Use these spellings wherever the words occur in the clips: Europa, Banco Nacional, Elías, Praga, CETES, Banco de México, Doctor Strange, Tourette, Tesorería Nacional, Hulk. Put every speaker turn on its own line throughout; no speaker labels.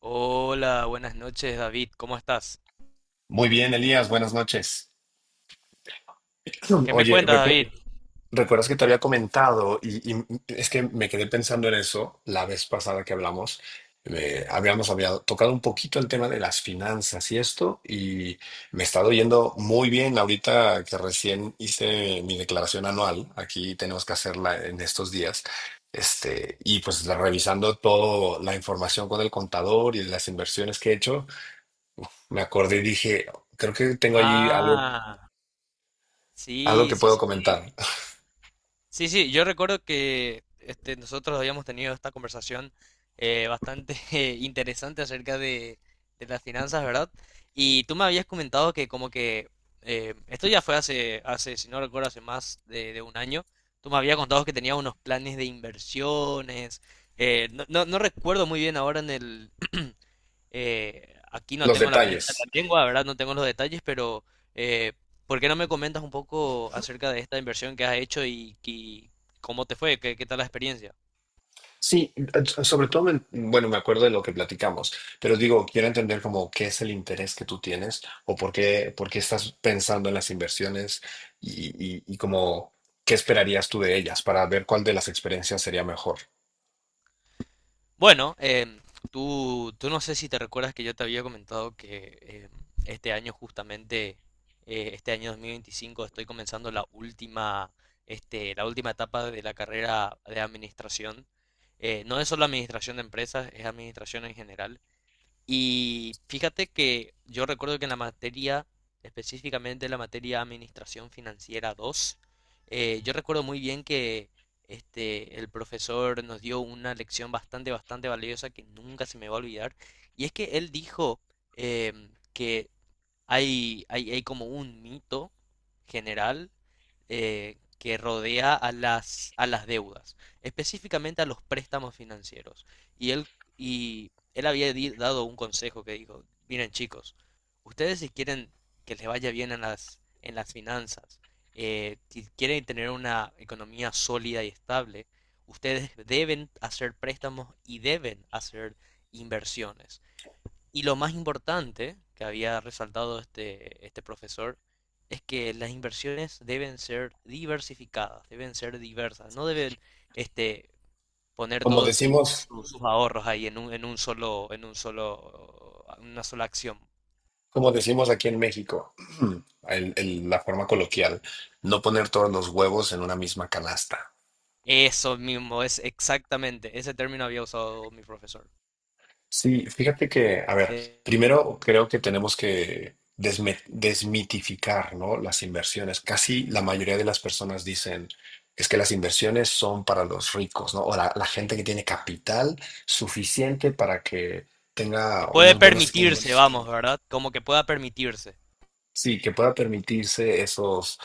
Hola, buenas noches, David. ¿Cómo estás?
Muy bien, Elías, buenas noches.
¿Qué me
Oye,
cuentas, David?
¿recuerdas que te había comentado? Y es que me quedé pensando en eso la vez pasada que hablamos. Habíamos tocado un poquito el tema de las finanzas y esto, y me está yendo muy bien ahorita que recién hice mi declaración anual. Aquí tenemos que hacerla en estos días. Y pues revisando toda la información con el contador y las inversiones que he hecho, me acordé y dije, creo que tengo allí algo.
Ah,
Algo
sí,
que
sí,
puedo
sí, sí.
comentar.
Sí, sí, yo recuerdo que nosotros habíamos tenido esta conversación bastante interesante acerca de las finanzas, ¿verdad? Y tú me habías comentado que como que esto ya fue hace, si no recuerdo, hace más de un año. Tú me habías contado que tenías unos planes de inversiones. No recuerdo muy bien ahora en el aquí no
Los
tengo la punta de
detalles.
la lengua, ¿verdad? No tengo los detalles, pero eh, ¿por qué no me comentas un poco acerca de esta inversión que has hecho y cómo te fue? ¿Qué tal la experiencia?
Sí, sobre todo, bueno, me acuerdo de lo que platicamos, pero digo, quiero entender como qué es el interés que tú tienes o por qué estás pensando en las inversiones y como qué esperarías tú de ellas para ver cuál de las experiencias sería mejor.
Bueno, tú no sé si te recuerdas que yo te había comentado que este año justamente, este año 2025, estoy comenzando la última, la última etapa de la carrera de administración. No es solo administración de empresas, es administración en general. Y fíjate que yo recuerdo que en la materia, específicamente la materia Administración Financiera dos, yo recuerdo muy bien que el profesor nos dio una lección bastante, bastante valiosa que nunca se me va a olvidar. Y es que él dijo que hay como un mito general que rodea a las deudas, específicamente a los préstamos financieros. Y él, y él había dado un consejo que dijo, miren chicos, ustedes si quieren que les vaya bien en las finanzas, si quieren tener una economía sólida y estable, ustedes deben hacer préstamos y deben hacer inversiones. Y lo más importante que había resaltado este profesor es que las inversiones deben ser diversificadas, deben ser diversas, no deben este, poner
Como
todos
decimos,
sus ahorros ahí en un solo, una sola acción.
como decimos aquí en México, la forma coloquial: no poner todos los huevos en una misma canasta.
Eso mismo, es exactamente, ese término había usado mi profesor.
Sí, fíjate que, a ver,
Eh,
primero creo que tenemos que desmitificar, ¿no? Las inversiones. Casi la mayoría de las personas dicen es que las inversiones son para los ricos, ¿no? O la gente que tiene capital suficiente para que
que
tenga
puede... Ah,
unos buenos
permitirse,
ingresos,
vamos, buenísimo. ¿Verdad? Como que pueda permitirse.
sí, que pueda permitirse esos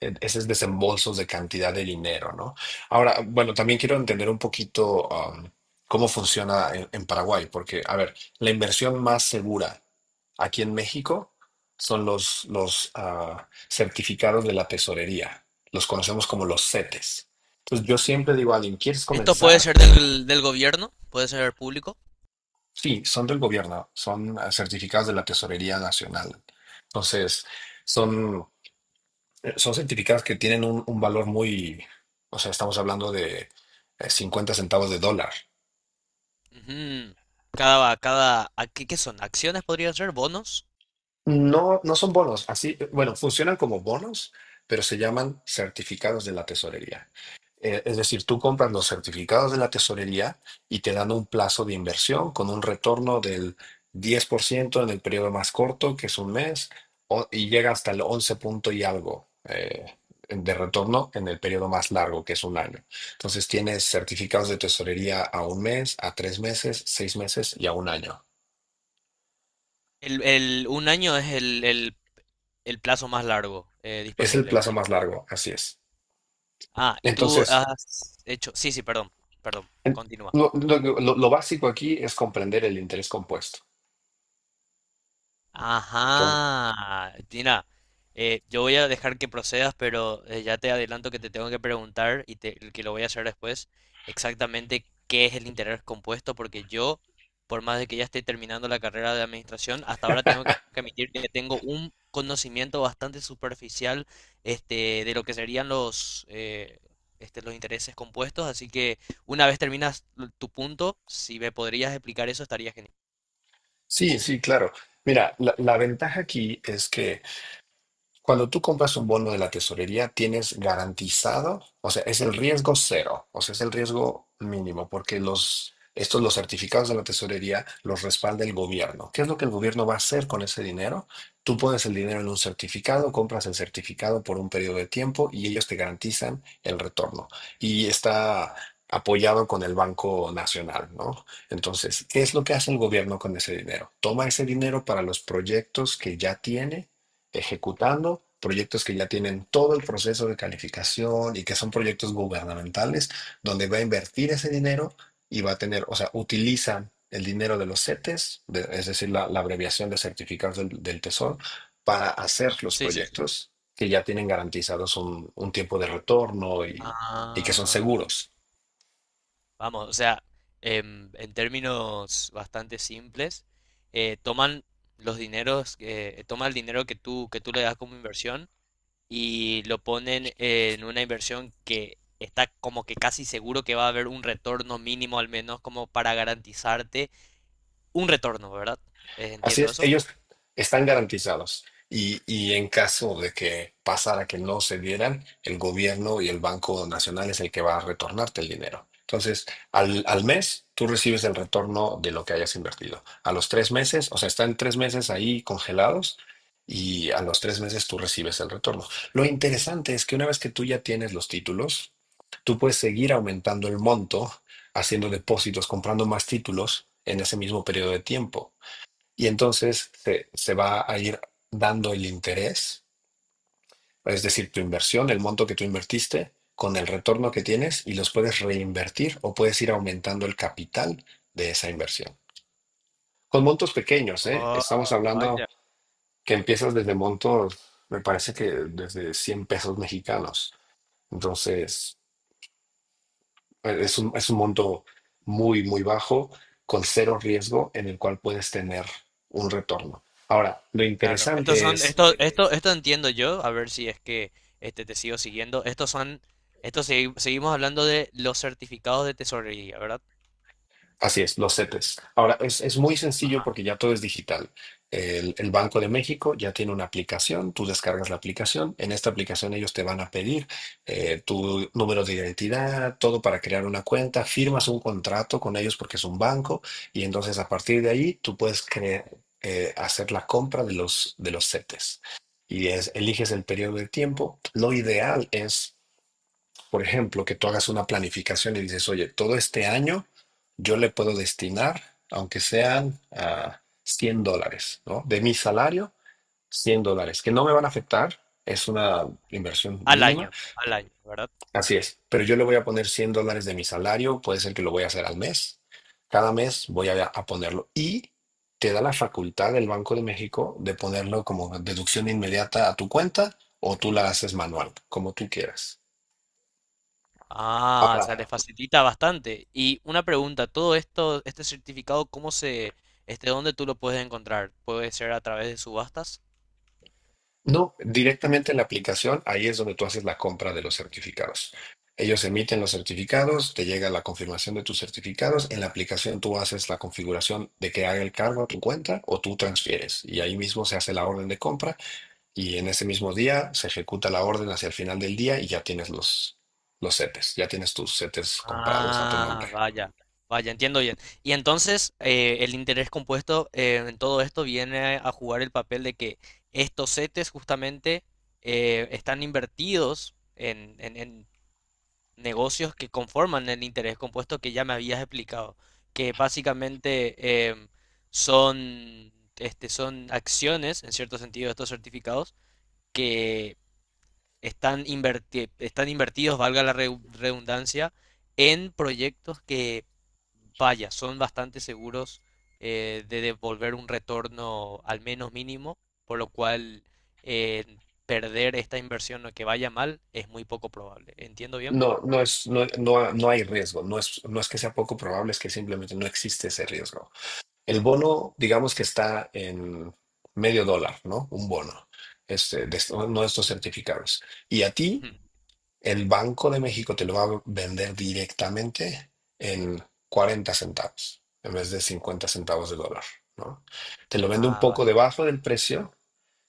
eh, esos desembolsos de cantidad de dinero, ¿no? Ahora, bueno, también quiero entender un poquito cómo funciona en Paraguay, porque, a ver, la inversión más segura aquí en México son los certificados de la tesorería, los conocemos como los CETES. Entonces, yo siempre digo a alguien, ¿quieres
Esto puede
comenzar?
ser del, del gobierno, puede ser público.
Sí, son del gobierno, son certificados de la Tesorería Nacional. Entonces, son. Son certificados que tienen un valor muy, o sea, estamos hablando de 50 centavos de dólar.
Ujú. Cada, cada, ¿a qué, qué son? ¿Acciones podrían ser? ¿Bonos?
No, no son bonos. Así, bueno, funcionan como bonos, pero se llaman certificados de la tesorería. Es decir, tú compras los certificados de la tesorería y te dan un plazo de inversión con un retorno del 10% en el periodo más corto, que es un mes, y llega hasta el 11 punto y algo de retorno en el periodo más largo, que es un año. Entonces tienes certificados de tesorería a un mes, a tres meses, seis meses y a un año.
Un año es el plazo más largo,
Es el
disponible,
plazo
entiendo.
más largo, así es.
Ah, y tú
Entonces,
has hecho, sí, sí, perdón, perdón,
En-
continúa.
lo básico aquí es comprender el interés compuesto. Entonces,
Ajá. Tina, yo voy a dejar que procedas, pero ya te adelanto que te tengo que preguntar y que lo voy a hacer después, exactamente qué es el interés compuesto, porque yo, por más de que ya esté terminando la carrera de administración, hasta ahora tengo que admitir que tengo un conocimiento bastante superficial de lo que serían los, los intereses compuestos, así que una vez terminas tu punto, si me podrías explicar eso, estaría genial.
sí, sí, claro. Mira, la ventaja aquí es que cuando tú compras un bono de la tesorería, tienes garantizado, o sea, es el riesgo cero, o sea, es el riesgo mínimo, porque los, estos, los certificados de la tesorería los respalda el gobierno. ¿Qué es lo que el gobierno va a hacer con ese dinero? Tú pones el dinero en un certificado, compras el certificado por un periodo de tiempo y ellos te garantizan el retorno. Y está apoyado con el Banco Nacional, ¿no? Entonces, ¿qué es lo que hace el gobierno con ese dinero? Toma ese dinero para los proyectos que ya tiene ejecutando, proyectos que ya tienen todo el proceso de calificación y que son proyectos gubernamentales, donde va a invertir ese dinero y va a tener, o sea, utilizan el dinero de los CETES, es decir, la abreviación de certificados del Tesoro, para hacer los
Sí, sí, sí.
proyectos que ya tienen garantizados un tiempo de retorno y que son
Ah.
seguros.
Vamos, o sea, en términos bastante simples, toman los dineros, toma el dinero que tú le das como inversión y lo ponen en una inversión que está como que casi seguro que va a haber un retorno mínimo al menos como para garantizarte un retorno, ¿verdad?
Así
¿Entiendo
es,
eso?
ellos están garantizados. Y en caso de que pasara que no se dieran, el gobierno y el Banco Nacional es el que va a retornarte el dinero. Entonces, al mes, tú recibes el retorno de lo que hayas invertido. A los tres meses, o sea, están tres meses ahí congelados y a los tres meses tú recibes el retorno. Lo interesante es que una vez que tú ya tienes los títulos, tú puedes seguir aumentando el monto, haciendo depósitos, comprando más títulos en ese mismo periodo de tiempo y entonces se va a ir dando el interés, es decir, tu inversión, el monto que tú invertiste, con el retorno que tienes y los puedes reinvertir o puedes ir aumentando el capital de esa inversión. Con montos pequeños, ¿eh?
Oh,
Estamos hablando
vaya.
que empiezas desde montos, me parece que desde 100 pesos mexicanos. Entonces, es un monto muy, muy bajo, con cero riesgo, en el cual puedes tener un retorno. Ahora, lo
Claro, sí, estos
interesante
son, sí,
es.
esto, sí, sí, esto entiendo yo, a ver si es que te sigo siguiendo. Estos son, seguimos hablando de los certificados de tesorería, ¿verdad?
Así es, los CETES. Ahora, es muy sencillo
Ajá.
porque ya todo es digital. El Banco de México ya tiene una aplicación, tú descargas la aplicación, en esta aplicación ellos te van a pedir tu número de identidad, todo para crear una cuenta, firmas un contrato con ellos porque es un banco y entonces a partir de ahí tú puedes hacer la compra de los CETES. Eliges el periodo de tiempo. Lo ideal es, por ejemplo, que tú hagas una planificación y dices, oye, todo este año yo le puedo destinar, aunque sean $100, ¿no? De mi salario, $100, que no me van a afectar, es una inversión mínima,
Al año, ¿verdad?
así es, pero yo le voy a poner $100 de mi salario, puede ser que lo voy a hacer al mes, cada mes voy a ponerlo y te da la facultad del Banco de México de ponerlo como deducción inmediata a tu cuenta o tú la haces manual, como tú quieras.
Ah, o sea, les
Ahora,
facilita bastante. Y una pregunta, todo esto, este certificado, ¿cómo se, dónde tú lo puedes encontrar? ¿Puede ser a través de subastas?
no, directamente en la aplicación, ahí es donde tú haces la compra de los certificados. Ellos emiten los certificados, te llega la confirmación de tus certificados, en la aplicación tú haces la configuración de que haga el cargo a tu cuenta o tú transfieres y ahí mismo se hace la orden de compra y en ese mismo día se ejecuta la orden hacia el final del día y ya tienes los CETES, ya tienes tus CETES comprados a tu
Ah,
nombre.
vaya, vaya, entiendo bien. Y entonces el interés compuesto en todo esto viene a jugar el papel de que estos CETES justamente están invertidos en, en negocios que conforman el interés compuesto que ya me habías explicado, que básicamente son, son acciones, en cierto sentido, de estos certificados están, están invertidos, valga la redundancia, en proyectos que, vaya, son bastante seguros de devolver un retorno al menos mínimo, por lo cual eh, perder esta inversión o que vaya mal es muy poco probable. ¿Entiendo bien?
No, no es, no, no, no hay riesgo, no es, no es que sea poco probable, es que simplemente no existe ese riesgo. El bono, digamos que está en medio dólar, ¿no? Un bono, este, de, no, estos certificados. Y a ti
Ujú.
el Banco de México te lo va a vender directamente en 40 centavos en vez de 50 centavos de dólar, ¿no? Te lo vende un
Ah,
poco
vale.
debajo del precio,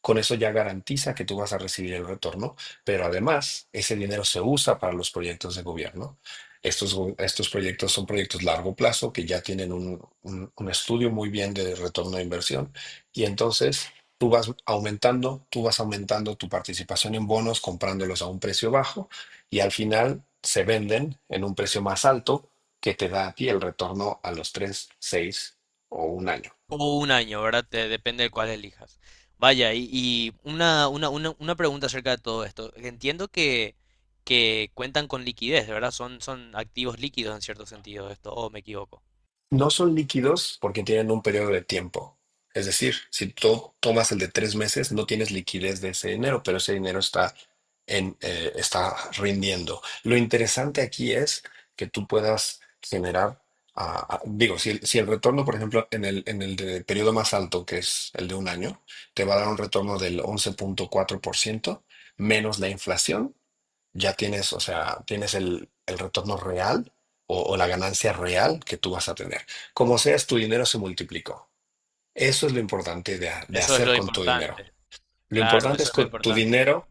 con eso ya garantiza que tú vas a recibir el retorno, pero además ese dinero se usa para los proyectos de gobierno. Estos proyectos son proyectos largo plazo que ya tienen un estudio muy bien de retorno de inversión y entonces tú vas aumentando tu participación en bonos comprándolos a un precio bajo y al final se venden en un precio más alto que te da a ti el retorno a los 3, 6 o un año.
O un año, ¿verdad? Depende de cuál elijas. Vaya, y una pregunta acerca de todo esto. Entiendo que cuentan con liquidez, ¿verdad? Son, son activos líquidos en cierto sentido esto, o me equivoco.
No son líquidos porque tienen un periodo de tiempo. Es decir, si tú tomas el de tres meses, no tienes liquidez de ese dinero, pero ese dinero está en, está rindiendo. Lo interesante aquí es que tú puedas generar, digo, si el retorno, por ejemplo, en el de periodo más alto, que es el de un año, te va a dar un retorno del 11.4% menos la inflación, ya tienes, o sea, tienes el retorno real o la ganancia real que tú vas a tener. Como seas, tu dinero se multiplicó. Eso es lo importante de
Eso es
hacer
lo
con tu dinero.
importante.
Lo
Claro,
importante
eso
es
es lo
que tu
importante.
dinero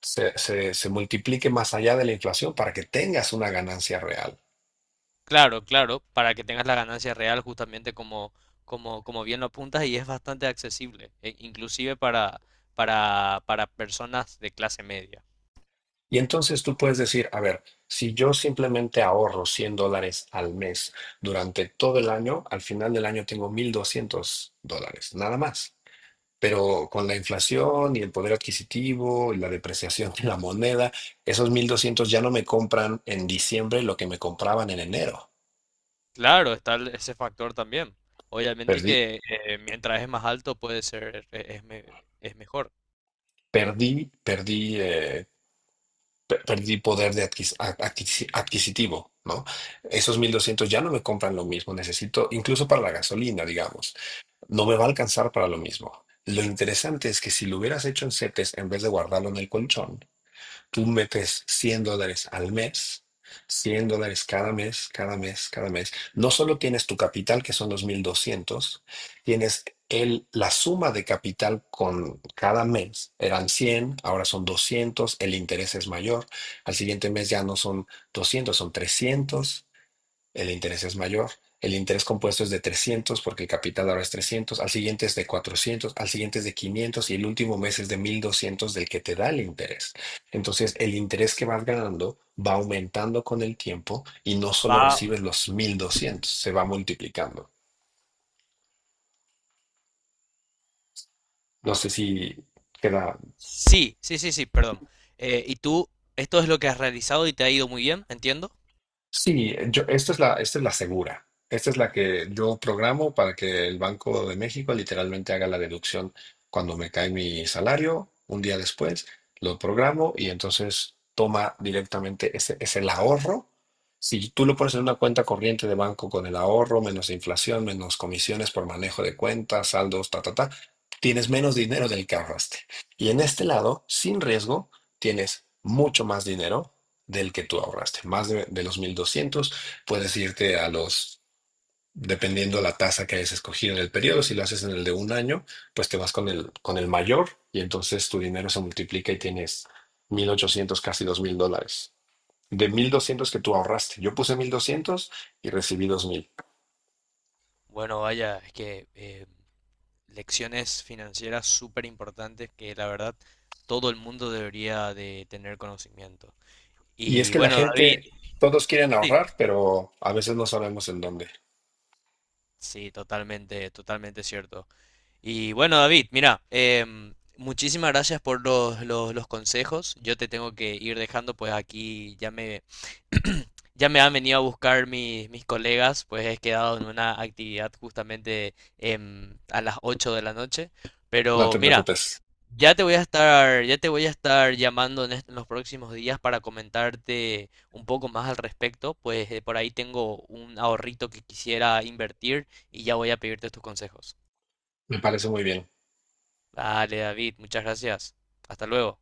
se multiplique más allá de la inflación para que tengas una ganancia real.
Claro, claro, para que tengas la ganancia real justamente como, como, como bien lo apuntas, y es bastante accesible, inclusive para personas de clase media.
Y entonces tú puedes decir, a ver, si yo simplemente ahorro $100 al mes durante todo el año, al final del año tengo $1,200, nada más. Pero con la inflación y el poder adquisitivo y la depreciación de la moneda, esos 1,200 ya no me compran en diciembre lo que me compraban en enero.
Claro, está ese factor también. Obviamente
Perdí,
que mientras es más alto puede ser, es mejor.
perdí, perdí, eh, perdí poder de adquisitivo, ¿no? Esos 1.200 ya no me compran lo mismo. Necesito, incluso para la gasolina, digamos, no me va a alcanzar para lo mismo. Lo interesante es que si lo hubieras hecho en CETES en vez de guardarlo en el colchón. Tú metes $100 al mes, $100 cada mes, cada mes, cada mes. No solo tienes tu capital, que son los 1,200, tienes la suma de capital con cada mes. Eran 100, ahora son 200, el interés es mayor. Al siguiente mes ya no son 200, son 300, el interés es mayor. El interés compuesto es de 300, porque el capital ahora es 300, al siguiente es de 400, al siguiente es de 500 y el último mes es de 1,200 del que te da el interés. Entonces, el interés que vas ganando va aumentando con el tiempo y no solo
Va.
recibes los 1,200, se va multiplicando. No sé si queda.
Sí, sí, sí, sí, perdón. ¿Y tú, esto es lo que has realizado y te ha ido muy bien, entiendo?
Sí, yo, esta es la, segura. Esta es la que yo programo para que el Banco de México literalmente haga la deducción cuando me cae mi salario, un día después, lo programo y entonces toma directamente, ese es el ahorro. Si tú lo pones en una cuenta corriente de banco con el ahorro, menos inflación, menos comisiones por manejo de cuentas, saldos, ta, ta, ta, tienes menos dinero del que ahorraste. Y en este lado, sin riesgo, tienes mucho más dinero del que tú ahorraste. Más de los 1,200 puedes irte a los, dependiendo la tasa que hayas escogido en el periodo, si lo haces en el de un año, pues te vas con el mayor y entonces tu dinero se multiplica y tienes 1,800, casi $2,000. De 1200 que tú ahorraste. Yo puse 1,200 y recibí 2,000.
Bueno, vaya, es que lecciones financieras súper importantes que la verdad todo el mundo debería de tener conocimiento.
Y es
Y
que la
bueno, David,
gente, todos quieren
sí,
ahorrar, pero a veces no sabemos en dónde.
sí, totalmente, totalmente cierto. Y bueno, David, mira, muchísimas gracias por los, los consejos. Yo te tengo que ir dejando, pues aquí ya me, ya me han venido a buscar mis, mis colegas, pues he quedado en una actividad justamente a las 8 de la noche.
No
Pero
te
mira,
preocupes.
ya te voy a estar, ya te voy a estar llamando en, en los próximos días para comentarte un poco más al respecto, pues por ahí tengo un ahorrito que quisiera invertir y ya voy a pedirte tus consejos.
Me parece muy bien.
Dale, David, muchas gracias. Hasta luego.